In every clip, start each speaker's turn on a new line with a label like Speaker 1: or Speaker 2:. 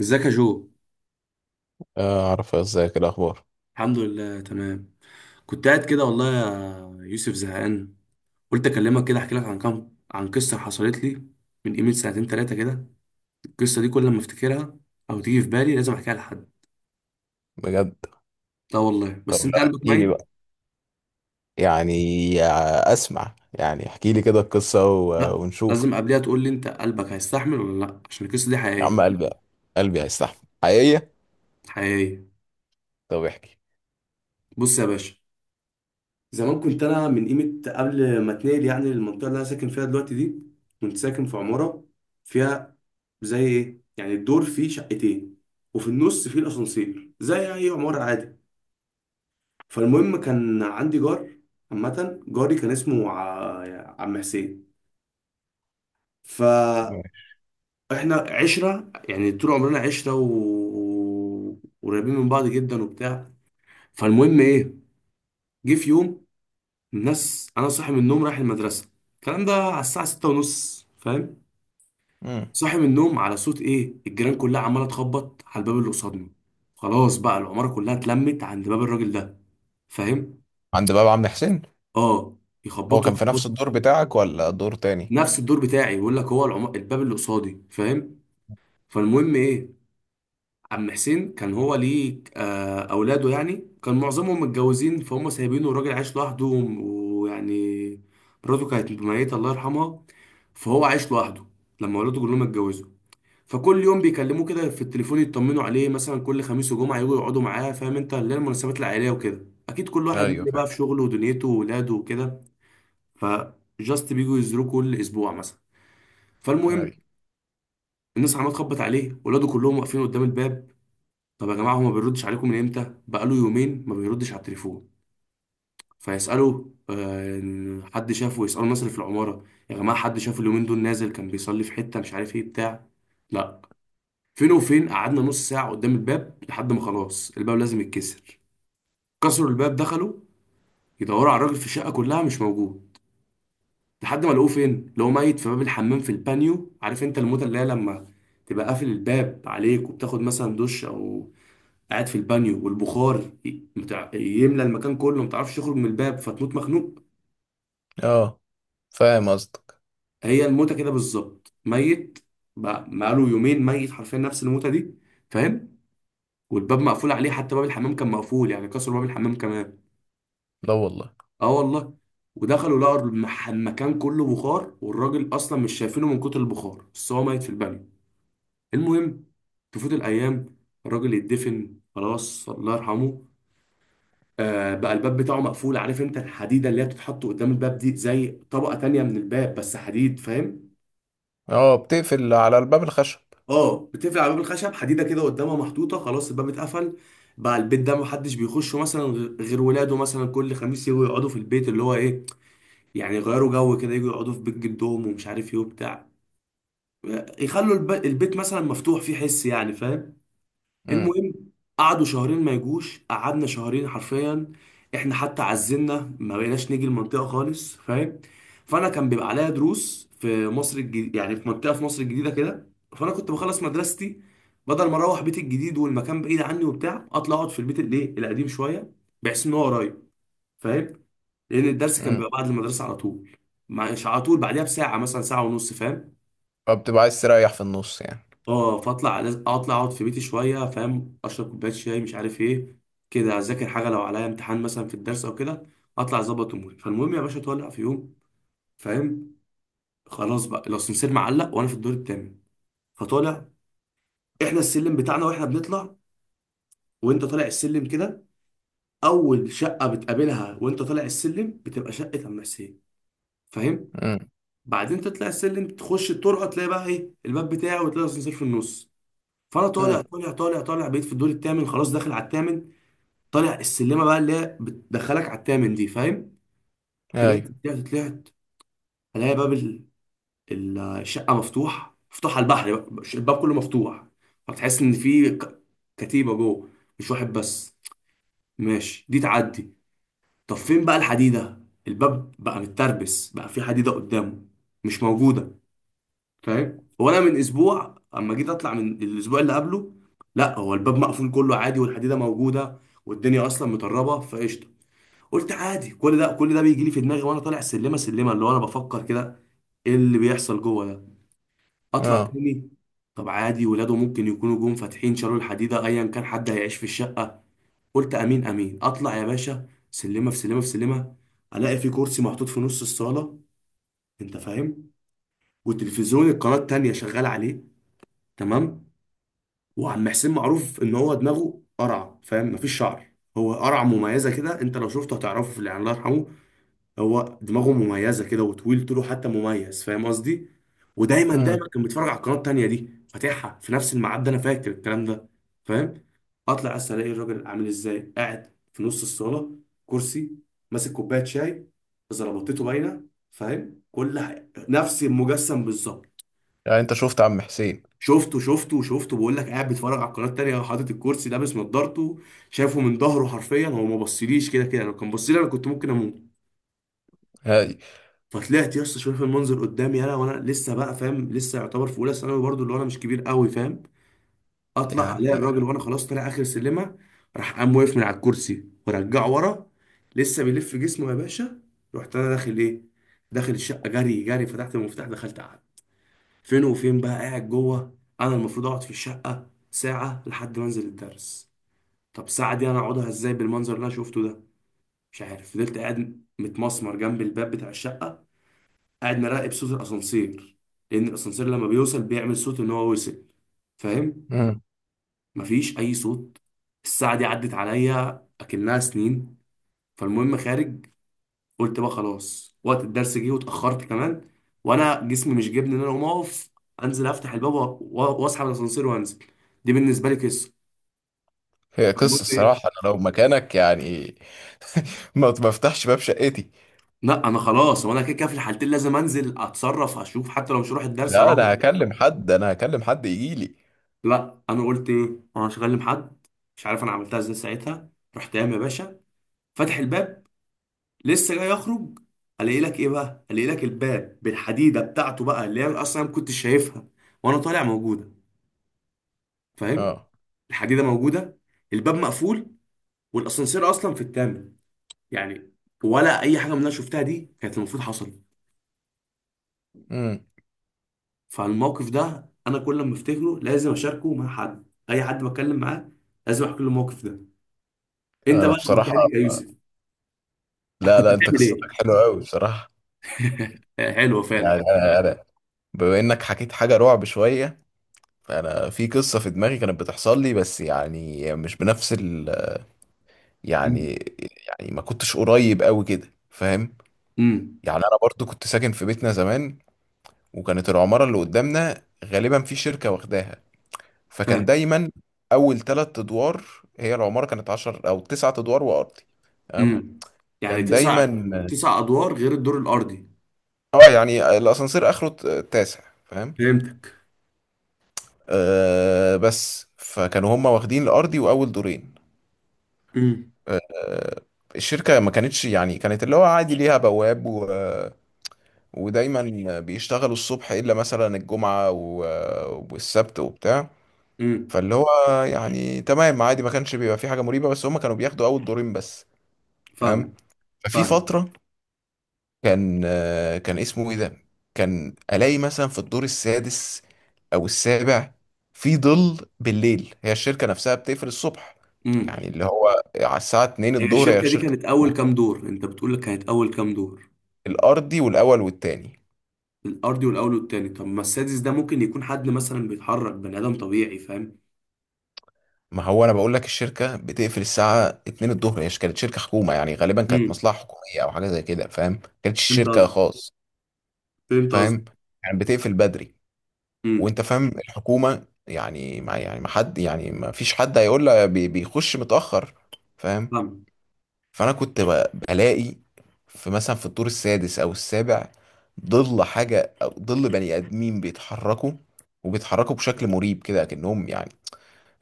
Speaker 1: ازيك يا جو؟
Speaker 2: آه، اعرف ازيك، إيه الاخبار؟
Speaker 1: الحمد لله، تمام. كنت قاعد كده والله يا يوسف، زهقان. قلت اكلمك كده احكي لك عن كام، عن قصه حصلت لي من قيمه سنتين ثلاثه كده. القصه دي كل ما افتكرها او تيجي في بالي لازم احكيها لحد.
Speaker 2: بجد.
Speaker 1: لا والله،
Speaker 2: طب
Speaker 1: بس انت
Speaker 2: لا،
Speaker 1: قلبك
Speaker 2: احكي لي
Speaker 1: ميت.
Speaker 2: بقى. يعني آه، اسمع، يعني احكي لي كده القصه
Speaker 1: لا،
Speaker 2: ونشوف.
Speaker 1: لازم قبلها تقول لي انت قلبك هيستحمل ولا لا، عشان القصه دي
Speaker 2: يا عم
Speaker 1: حقيقيه.
Speaker 2: قلبي. قلبي هيستحمل حقيقيه.
Speaker 1: حقيقيه.
Speaker 2: طب احكي.
Speaker 1: بص يا باشا، زمان كنت انا من قيمه قبل ما اتنقل يعني للمنطقه اللي انا ساكن فيها دلوقتي دي. كنت ساكن في عماره، فيها، زي ايه يعني، الدور فيه شقتين وفي النص فيه الاسانسير، زي اي عماره عادي. فالمهم، كان عندي جار. عامه جاري كان اسمه عم حسين. فاحنا عشره يعني، طول عمرنا عشره وقريبين من بعض جدا وبتاع. فالمهم ايه، جه في يوم، الناس، انا صاحي من النوم رايح المدرسه، الكلام ده على الساعه 6:30، فاهم؟
Speaker 2: مم.
Speaker 1: صاحي من النوم على صوت ايه؟ الجيران كلها عماله تخبط على الباب اللي قصادنا. خلاص بقى العماره كلها اتلمت عند باب الراجل ده، فاهم؟
Speaker 2: عند باب عم حسين.
Speaker 1: اه.
Speaker 2: هو
Speaker 1: يخبطوا
Speaker 2: كان في نفس
Speaker 1: يخبطوا.
Speaker 2: الدور بتاعك ولا دور تاني؟
Speaker 1: نفس الدور بتاعي، يقول لك هو العم... الباب اللي قصادي، فاهم؟ فالمهم ايه، عم حسين كان هو ليه اولاده يعني كان معظمهم متجوزين، فهم سايبينه الراجل عايش لوحده، ويعني مراته كانت ميتة الله يرحمها، فهو عايش لوحده لما ولاده كلهم اتجوزوا. فكل يوم بيكلموه كده في التليفون، يطمنوا عليه مثلا، كل خميس وجمعة يجوا يقعدوا معاه، فاهم انت؟ اللي هي المناسبات العائلية وكده. اكيد كل واحد
Speaker 2: ايوه
Speaker 1: مني بقى
Speaker 2: فاهم.
Speaker 1: في شغله ودنيته وولاده وكده، فجاست بيجوا يزوروه كل اسبوع مثلا. فالمهم،
Speaker 2: ايوه.
Speaker 1: الناس عماله تخبط عليه، ولاده كلهم واقفين قدام الباب. طب يا جماعة، هو ما بيردش عليكم من امتى؟ بقاله يومين ما بيردش على التليفون. فيسألوا حد شافه؟ يسألوا الناس اللي في العمارة، يا جماعة حد شافه اليومين دول؟ نازل كان بيصلي في حتة، مش عارف ايه بتاع لا. فين وفين، قعدنا نص ساعة قدام الباب لحد ما خلاص الباب لازم يتكسر. كسروا الباب، دخلوا يدوروا على الراجل في الشقة كلها، مش موجود. لحد ما لقوه فين؟ لقوه ميت في باب الحمام في البانيو. عارف انت الموتة اللي هي لما تبقى قافل الباب عليك وبتاخد مثلا دش، او قاعد في البانيو والبخار يملى المكان كله، ما تعرفش تخرج من الباب فتموت مخنوق؟
Speaker 2: اه، فاهم قصدك.
Speaker 1: هي الموتة كده بالظبط، ميت بقى بقاله يومين، ميت حرفيا نفس الموتة دي، فاهم؟ والباب مقفول عليه، حتى باب الحمام كان مقفول يعني، كسروا باب الحمام كمان.
Speaker 2: لا والله.
Speaker 1: اه والله. ودخلوا، لقوا المكان كله بخار، والراجل اصلا مش شايفينه من كتر البخار، بس هو ميت في البانيو. المهم، تفوت الايام، الراجل يتدفن خلاص، الله يرحمه. آه، بقى الباب بتاعه مقفول. عارف انت الحديده اللي هي بتتحط قدام الباب دي، زي طبقه تانية من الباب بس حديد، فاهم؟
Speaker 2: اه، بتقفل على الباب الخشب.
Speaker 1: اه، بتقفل على باب الخشب، حديده كده قدامها محطوطه. خلاص، الباب اتقفل. بقى البيت ده محدش بيخشه مثلا، غير ولاده، مثلا كل خميس يجوا يقعدوا في البيت اللي هو ايه، يعني يغيروا جو كده، يجوا يقعدوا في بيت جدهم، ومش عارف ايه وبتاع. يخلوا البيت مثلا مفتوح، فيه حس يعني، فاهم؟
Speaker 2: امم.
Speaker 1: المهم، قعدوا شهرين ما يجوش، قعدنا شهرين حرفيا. احنا حتى عزلنا، ما بقيناش نيجي المنطقه خالص، فاهم؟ فانا كان بيبقى عليا دروس في مصر الجديدة، يعني في منطقه في مصر الجديده كده. فانا كنت بخلص مدرستي، بدل ما اروح بيتي الجديد والمكان بعيد عني وبتاع، اطلع اقعد في البيت الايه القديم شويه، بحيث ان هو قريب، فاهم؟ لان الدرس كان
Speaker 2: امم.
Speaker 1: بيبقى بعد المدرسه على طول، مش على طول، بعدها بساعه مثلا، ساعه ونص، فاهم؟
Speaker 2: فبتبقى عايز تريح في النص يعني؟
Speaker 1: اه، فاطلع، لازم اطلع اقعد في بيتي شويه، فاهم؟ اشرب كوبايه شاي، مش عارف ايه كده، اذاكر حاجه لو عليا امتحان مثلا في الدرس او كده، اطلع اظبط اموري. فالمهم يا باشا، طالع في يوم، فاهم؟ خلاص بقى، لو السمسير معلق وانا في الدور التامن، فطالع. احنا السلم بتاعنا واحنا بنطلع، وانت طالع السلم كده، اول شقه بتقابلها وانت طالع السلم بتبقى شقه عم حسين، فاهم؟
Speaker 2: امم.
Speaker 1: بعدين تطلع السلم، تخش الطرقه، تلاقي بقى ايه الباب بتاعه، وتلاقي السمسير في النص. فانا طالع
Speaker 2: امم.
Speaker 1: طالع طالع طالع، بقيت في الدور التامن، خلاص داخل على التامن. طالع السلمه بقى اللي هي بتدخلك على التامن دي، فاهم؟ طلعت
Speaker 2: ايوه.
Speaker 1: طلعت طلعت، الاقي باب الشقه مفتوح، مفتوح على البحر بقى، الباب كله مفتوح. فتحس ان في كتيبه جوه، مش واحد بس. ماشي، دي تعدي. طب فين بقى الحديده؟ الباب بقى متربس، بقى في حديده قدامه، مش موجوده، فاهم؟ وانا من اسبوع، اما جيت اطلع من الاسبوع اللي قبله، لا هو الباب مقفول كله عادي، والحديده موجوده، والدنيا اصلا مطربه فقشطه. قلت عادي. كل ده كل ده بيجي لي في دماغي وانا طالع السلمه سلمه، اللي هو انا بفكر كده، ايه اللي بيحصل جوه ده؟ اطلع
Speaker 2: اه.
Speaker 1: تاني. طب عادي، ولاده ممكن يكونوا جم فاتحين، شالوا الحديده، ايا كان حد هيعيش في الشقه. قلت امين امين، اطلع يا باشا سلمه في سلمه في سلمه. الاقي في كرسي محطوط في نص الصاله، انت فاهم؟ والتلفزيون القناه التانيه شغال عليه، تمام. وعم حسين معروف ان هو دماغه قرع، فاهم؟ مفيش شعر. هو قرع مميزه كده، انت لو شفته هتعرفه، في اللي الله يرحمه، هو دماغه مميزه كده، وطويل طوله حتى مميز، فاهم قصدي؟ ودايما
Speaker 2: امم.
Speaker 1: دايما كان بيتفرج على القناه التانيه دي، فاتحها في نفس الميعاد ده. انا فاكر الكلام ده، فاهم؟ اطلع بس الاقي الراجل عامل ازاي، قاعد في نص الصاله، كرسي، ماسك كوبايه شاي، زلطته باينه، فاهم؟ كل حاجه نفس المجسم بالظبط.
Speaker 2: يعني انت شفت عم حسين؟
Speaker 1: شفته شفته شفته، بقول لك قاعد بيتفرج على القناه التانيه، حاطط الكرسي، لابس نضارته، شايفه من ظهره حرفيا، هو ما بصليش كده كده، لو كان بصلي انا كنت ممكن اموت.
Speaker 2: ايوه.
Speaker 1: فطلعت يا اسطى، شايف المنظر قدامي انا وانا لسه بقى، فاهم؟ لسه يعتبر في اولى ثانوي برضه، اللي هو انا مش كبير قوي، فاهم؟ اطلع
Speaker 2: يعني
Speaker 1: الاقي الراجل وانا خلاص طالع اخر سلمه، راح قام واقف من على الكرسي ورجعه ورا، لسه بيلف جسمه يا باشا. رحت انا داخل ايه؟ داخل الشقه جري جري، فتحت المفتاح، دخلت، قعدت. فين وفين بقى قاعد جوه؟ انا المفروض اقعد في الشقه ساعه لحد ما انزل الدرس. طب ساعه دي انا اقعدها ازاي بالمنظر اللي انا شفته ده؟ مش عارف. فضلت قاعد متمسمر جنب الباب بتاع الشقه، قاعد مراقب صوت الاسانسير. لان الاسانسير لما بيوصل بيعمل صوت ان هو وصل، فاهم؟
Speaker 2: مم.
Speaker 1: مفيش اي صوت. الساعه دي عدت عليا اكنها سنين. فالمهم، خارج. قلت بقى خلاص، وقت الدرس جه واتاخرت كمان، وانا جسمي مش جابني ان انا اقوم اقف، انزل افتح الباب واسحب الاسانسير وانزل. دي بالنسبه لي قصه.
Speaker 2: هي
Speaker 1: فالمهم
Speaker 2: قصة،
Speaker 1: ايه،
Speaker 2: الصراحة أنا لو مكانك يعني. ما بفتحش باب شقتي.
Speaker 1: لا انا خلاص، وانا كده كده في الحالتين لازم انزل اتصرف اشوف، حتى لو مش هروح الدرس
Speaker 2: لا،
Speaker 1: اروح.
Speaker 2: أنا هكلم حد يجيلي.
Speaker 1: لا، انا قلت ايه؟ انا مش هكلم حد. مش عارف انا عملتها ازاي ساعتها. رحت قايم يا باشا، فاتح الباب، لسه جاي اخرج، الاقي لك ايه بقى؟ الاقي لك الباب بالحديده بتاعته بقى، اللي هي اصلا ما كنتش شايفها وانا طالع، موجوده، فاهم؟
Speaker 2: أه.
Speaker 1: الحديده موجوده، الباب مقفول، والاسانسير اصلا في الثامن. يعني ولا اي حاجه من اللي انا شفتها دي كانت المفروض حصلت.
Speaker 2: مم.
Speaker 1: فالموقف ده انا كل ما افتكره لازم اشاركه مع حد، اي حد بتكلم معاه لازم احكي له الموقف ده. انت
Speaker 2: أنا
Speaker 1: بقى لو
Speaker 2: بصراحة.
Speaker 1: مكاني يا يوسف كنت
Speaker 2: لا لا، أنت
Speaker 1: بتعمل
Speaker 2: قصتك
Speaker 1: ايه؟
Speaker 2: حلوة أوي بصراحة.
Speaker 1: حلوه
Speaker 2: يعني
Speaker 1: فعلا.
Speaker 2: أنا بما إنك حكيت حاجة رعب شوية، فأنا في قصة في دماغي كانت بتحصل لي، بس يعني مش بنفس ال.
Speaker 1: امم.
Speaker 2: يعني. يعني ما كنتش قريب أوي كده فاهم.
Speaker 1: امم.
Speaker 2: يعني أنا برضو كنت ساكن في بيتنا زمان، وكانت العمارة اللي قدامنا غالبا في شركة واخداها. فكان
Speaker 1: فاهم.
Speaker 2: دايما اول ثلاث ادوار. هي العماره كانت 10 او تسعة ادوار وارضي. تمام.
Speaker 1: امم. يعني
Speaker 2: كان
Speaker 1: تسع،
Speaker 2: دايما
Speaker 1: تسع ادوار غير الدور الارضي.
Speaker 2: اه، يعني الاسانسير اخره التاسع فاهم.
Speaker 1: فهمتك.
Speaker 2: آه بس فكانوا هم واخدين الارضي واول دورين.
Speaker 1: امم.
Speaker 2: آه، الشركه ما كانتش، يعني كانت اللي هو عادي، ليها بواب، و... ودايما بيشتغلوا الصبح الا مثلا الجمعه و... والسبت وبتاع.
Speaker 1: امم.
Speaker 2: فاللي هو يعني تمام عادي، ما كانش بيبقى في حاجه مريبه، بس هم كانوا بياخدوا اول دورين بس. تمام.
Speaker 1: فاهم.
Speaker 2: ففي
Speaker 1: فاهم.
Speaker 2: فترة كان كان اسمه ايه ده، كان الاقي مثلا في الدور السادس او السابع في ظل بالليل. هي الشركه نفسها بتقفل الصبح،
Speaker 1: امم.
Speaker 2: يعني اللي هو على الساعه 2
Speaker 1: هي
Speaker 2: الظهر هي
Speaker 1: الشركه دي
Speaker 2: الشركه.
Speaker 1: كانت اول كام دور؟ انت بتقول لك كانت اول كام دور؟
Speaker 2: الارضي والاول والتاني.
Speaker 1: الارضي والاول والتاني. طب ما السادس ده ممكن يكون حد مثلا بيتحرك، بني ادم طبيعي، فاهم؟
Speaker 2: ما هو انا بقول لك الشركه بتقفل الساعه 2 الظهر، هي كانت شركه حكومه، يعني غالبا كانت
Speaker 1: امم.
Speaker 2: مصلحه حكوميه او حاجه زي كده، فاهم؟ ما كانتش
Speaker 1: فهمت
Speaker 2: شركه
Speaker 1: قصدك.
Speaker 2: خاص.
Speaker 1: فهمت قصدك.
Speaker 2: فاهم؟ يعني بتقفل بدري.
Speaker 1: امم.
Speaker 2: وانت فاهم الحكومة، يعني ما يعني ما حد يعني ما فيش حد هيقول لها بيخش متأخر فاهم.
Speaker 1: فاهم.
Speaker 2: فانا كنت بلاقي في مثلا في الدور السادس او السابع ظل حاجة او ظل بني ادمين بيتحركوا، وبيتحركوا بشكل مريب كده، كأنهم يعني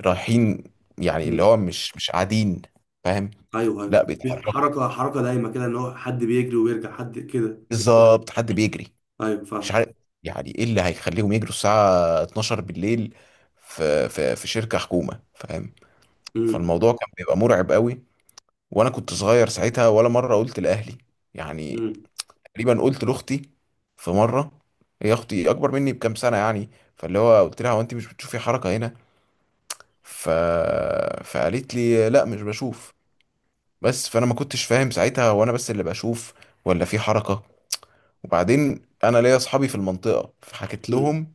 Speaker 2: رايحين، يعني اللي
Speaker 1: امم.
Speaker 2: هو مش قاعدين فاهم.
Speaker 1: ايوه.
Speaker 2: لا
Speaker 1: ايوه،
Speaker 2: بيتحركوا.
Speaker 1: حركه حركه دايمه كده، ان هو حد بيجري ويرجع حد كده.
Speaker 2: بالظبط حد بيجري.
Speaker 1: ايوه
Speaker 2: مش
Speaker 1: فاهم.
Speaker 2: عارف، يعني ايه اللي هيخليهم يجروا الساعة 12 بالليل في شركة حكومة فاهم.
Speaker 1: امم.
Speaker 2: فالموضوع كان بيبقى مرعب قوي، وانا كنت صغير ساعتها ولا مره قلت لاهلي. يعني
Speaker 1: امم.
Speaker 2: تقريبا قلت لاختي في مره. هي اختي اكبر مني بكام سنه يعني. فاللي هو قلت لها، هو انت مش بتشوفي حركه هنا؟ ف... فقالت لي لا مش بشوف. بس فانا ما كنتش فاهم ساعتها، هو انا بس اللي بشوف ولا في حركه. وبعدين انا ليا اصحابي في المنطقه، فحكيت لهم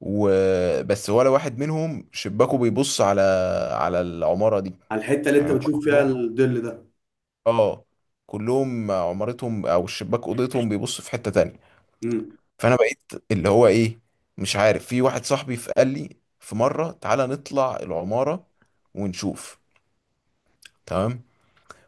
Speaker 2: وبس، ولا واحد منهم شباكه بيبص على العماره دي،
Speaker 1: على الحته اللي انت
Speaker 2: يعني هم
Speaker 1: بتشوف فيها
Speaker 2: كلهم.
Speaker 1: الظل ده.
Speaker 2: اه. كلهم عمارتهم او الشباك اوضتهم بيبص في حتة تانية.
Speaker 1: امم.
Speaker 2: فانا بقيت اللي هو ايه، مش عارف. في واحد صاحبي قال لي في مرة تعالى نطلع العمارة ونشوف. تمام.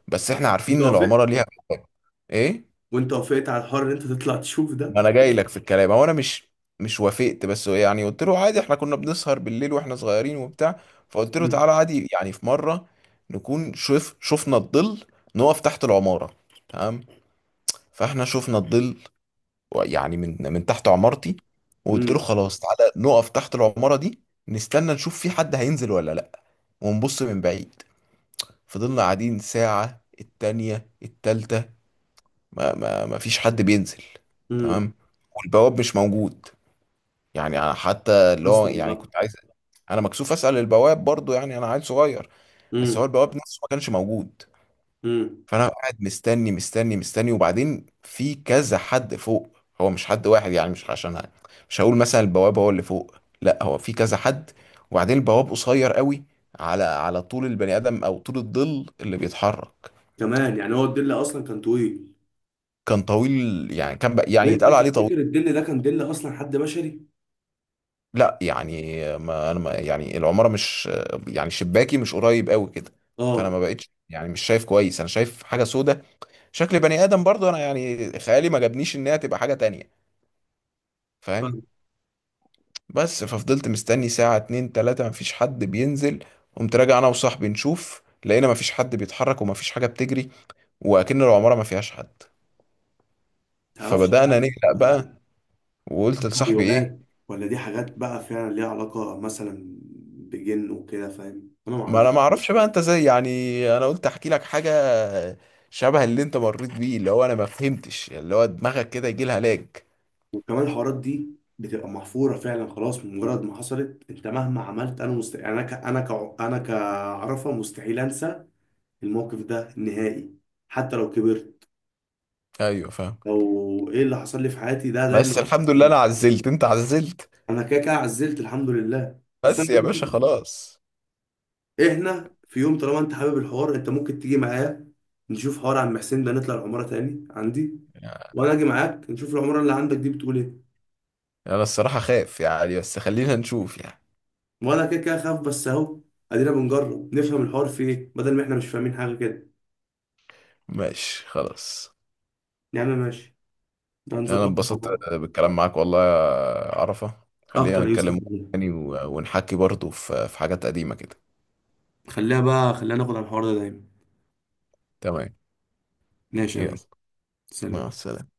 Speaker 2: بس احنا عارفين
Speaker 1: انت
Speaker 2: ان
Speaker 1: وافقت؟
Speaker 2: العمارة ليها باب. ايه.
Speaker 1: وانت وافقت على الحر ان انت تطلع تشوف ده؟
Speaker 2: ما انا جاي لك في الكلام. هو انا مش وافقت، بس هو يعني قلت له عادي، احنا كنا بنسهر بالليل واحنا صغيرين وبتاع. فقلت له
Speaker 1: امم.
Speaker 2: تعالى عادي يعني في مرة، نكون شوف شفنا الظل، نقف تحت العمارة. تمام. فاحنا شفنا الظل يعني من تحت عمارتي. وقلت له
Speaker 1: امم.
Speaker 2: خلاص تعالى نقف تحت العمارة دي، نستنى نشوف في حد هينزل ولا لأ، ونبص من بعيد. فضلنا قاعدين ساعة التانية التالتة، ما فيش حد بينزل.
Speaker 1: امم.
Speaker 2: تمام. والبواب مش موجود، يعني أنا حتى اللي هو
Speaker 1: اصلا
Speaker 2: يعني
Speaker 1: بقى.
Speaker 2: كنت عايز. أنا مكسوف أسأل البواب برضو، يعني أنا عيل صغير. بس هو
Speaker 1: امم.
Speaker 2: البواب نفسه ما كانش موجود.
Speaker 1: امم.
Speaker 2: فانا قاعد مستني مستني مستني، وبعدين في كذا حد فوق، هو مش حد واحد، يعني مش عشان مش هقول مثلا البواب هو اللي فوق، لا هو في كذا حد. وبعدين البواب قصير قوي على طول البني ادم او طول الظل اللي بيتحرك.
Speaker 1: كمان يعني، هو الظل اصلا كان طويل؟
Speaker 2: كان طويل، يعني كان
Speaker 1: طب
Speaker 2: يعني
Speaker 1: انت
Speaker 2: يتقال عليه طويل.
Speaker 1: تفتكر الظل ده كان ظل اصلا حد بشري؟
Speaker 2: لا يعني ما انا ما يعني العماره مش، يعني شباكي مش قريب قوي كده. فانا
Speaker 1: اه
Speaker 2: ما بقتش يعني مش شايف كويس، انا شايف حاجه سودة شكل بني ادم، برضو انا يعني خيالي ما جابنيش ان هي تبقى حاجه تانية
Speaker 1: فاهم. ما
Speaker 2: فاهم. بس ففضلت مستني ساعة اتنين تلاتة مفيش حد بينزل، قمت راجع انا وصاحبي نشوف، لقينا مفيش حد بيتحرك ومفيش حاجة بتجري، وأكن العمارة ما فيهاش حد.
Speaker 1: تعرفش بقى
Speaker 2: فبدأنا
Speaker 1: دي
Speaker 2: نقلق
Speaker 1: بتبقى
Speaker 2: بقى. وقلت لصاحبي ايه،
Speaker 1: تهيؤات، ولا دي حاجات بقى فعلا ليها علاقه مثلا بجن وكده، فاهم؟ انا ما
Speaker 2: ما انا
Speaker 1: اعرفش.
Speaker 2: ما اعرفش بقى انت زي، يعني انا قلت احكي لك حاجة شبه اللي انت مريت بيه، اللي هو انا ما فهمتش اللي هو دماغك كده يجي لها لاج.
Speaker 1: وكمان الحوارات دي بتبقى محفوره فعلا، خلاص مجرد ما حصلت انت مهما عملت، انا مست... يعني انا ك... انا ك... انا كعرفه مستحيل انسى الموقف ده نهائي، حتى لو كبرت،
Speaker 2: ايوه فاهم.
Speaker 1: لو ايه اللي حصل لي في حياتي ده
Speaker 2: بس
Speaker 1: دايما.
Speaker 2: الحمد لله انا عزلت انت عزلت.
Speaker 1: انا كده كده عزلت الحمد لله، بس انا
Speaker 2: بس يا باشا خلاص.
Speaker 1: احنا في يوم طالما انت حابب الحوار انت ممكن تيجي معايا نشوف حوار عم حسين ده، نطلع العماره تاني عندي،
Speaker 2: يعني.
Speaker 1: وانا اجي معاك نشوف العماره اللي عندك دي بتقول ايه.
Speaker 2: انا الصراحة خايف يعني، بس خلينا نشوف يعني.
Speaker 1: وانا كده كده خاف، بس اهو ادينا بنجرب، نفهم الحوار في ايه بدل ما احنا مش فاهمين حاجه كده.
Speaker 2: ماشي خلاص.
Speaker 1: يا عم ماشي. ده
Speaker 2: انا
Speaker 1: هنظبطها مع
Speaker 2: اتبسطت
Speaker 1: بعض.
Speaker 2: بالكلام معاك والله يا عرفة، خلينا
Speaker 1: اكتر يا يوسف
Speaker 2: نتكلم
Speaker 1: والله.
Speaker 2: تاني ونحكي برضه في حاجات قديمة كده.
Speaker 1: خليها بقى، خلينا ناخد على الحوار ده دايما.
Speaker 2: تمام.
Speaker 1: ماشي يا
Speaker 2: يلا.
Speaker 1: باشا.
Speaker 2: مع
Speaker 1: سلام.
Speaker 2: السلامة.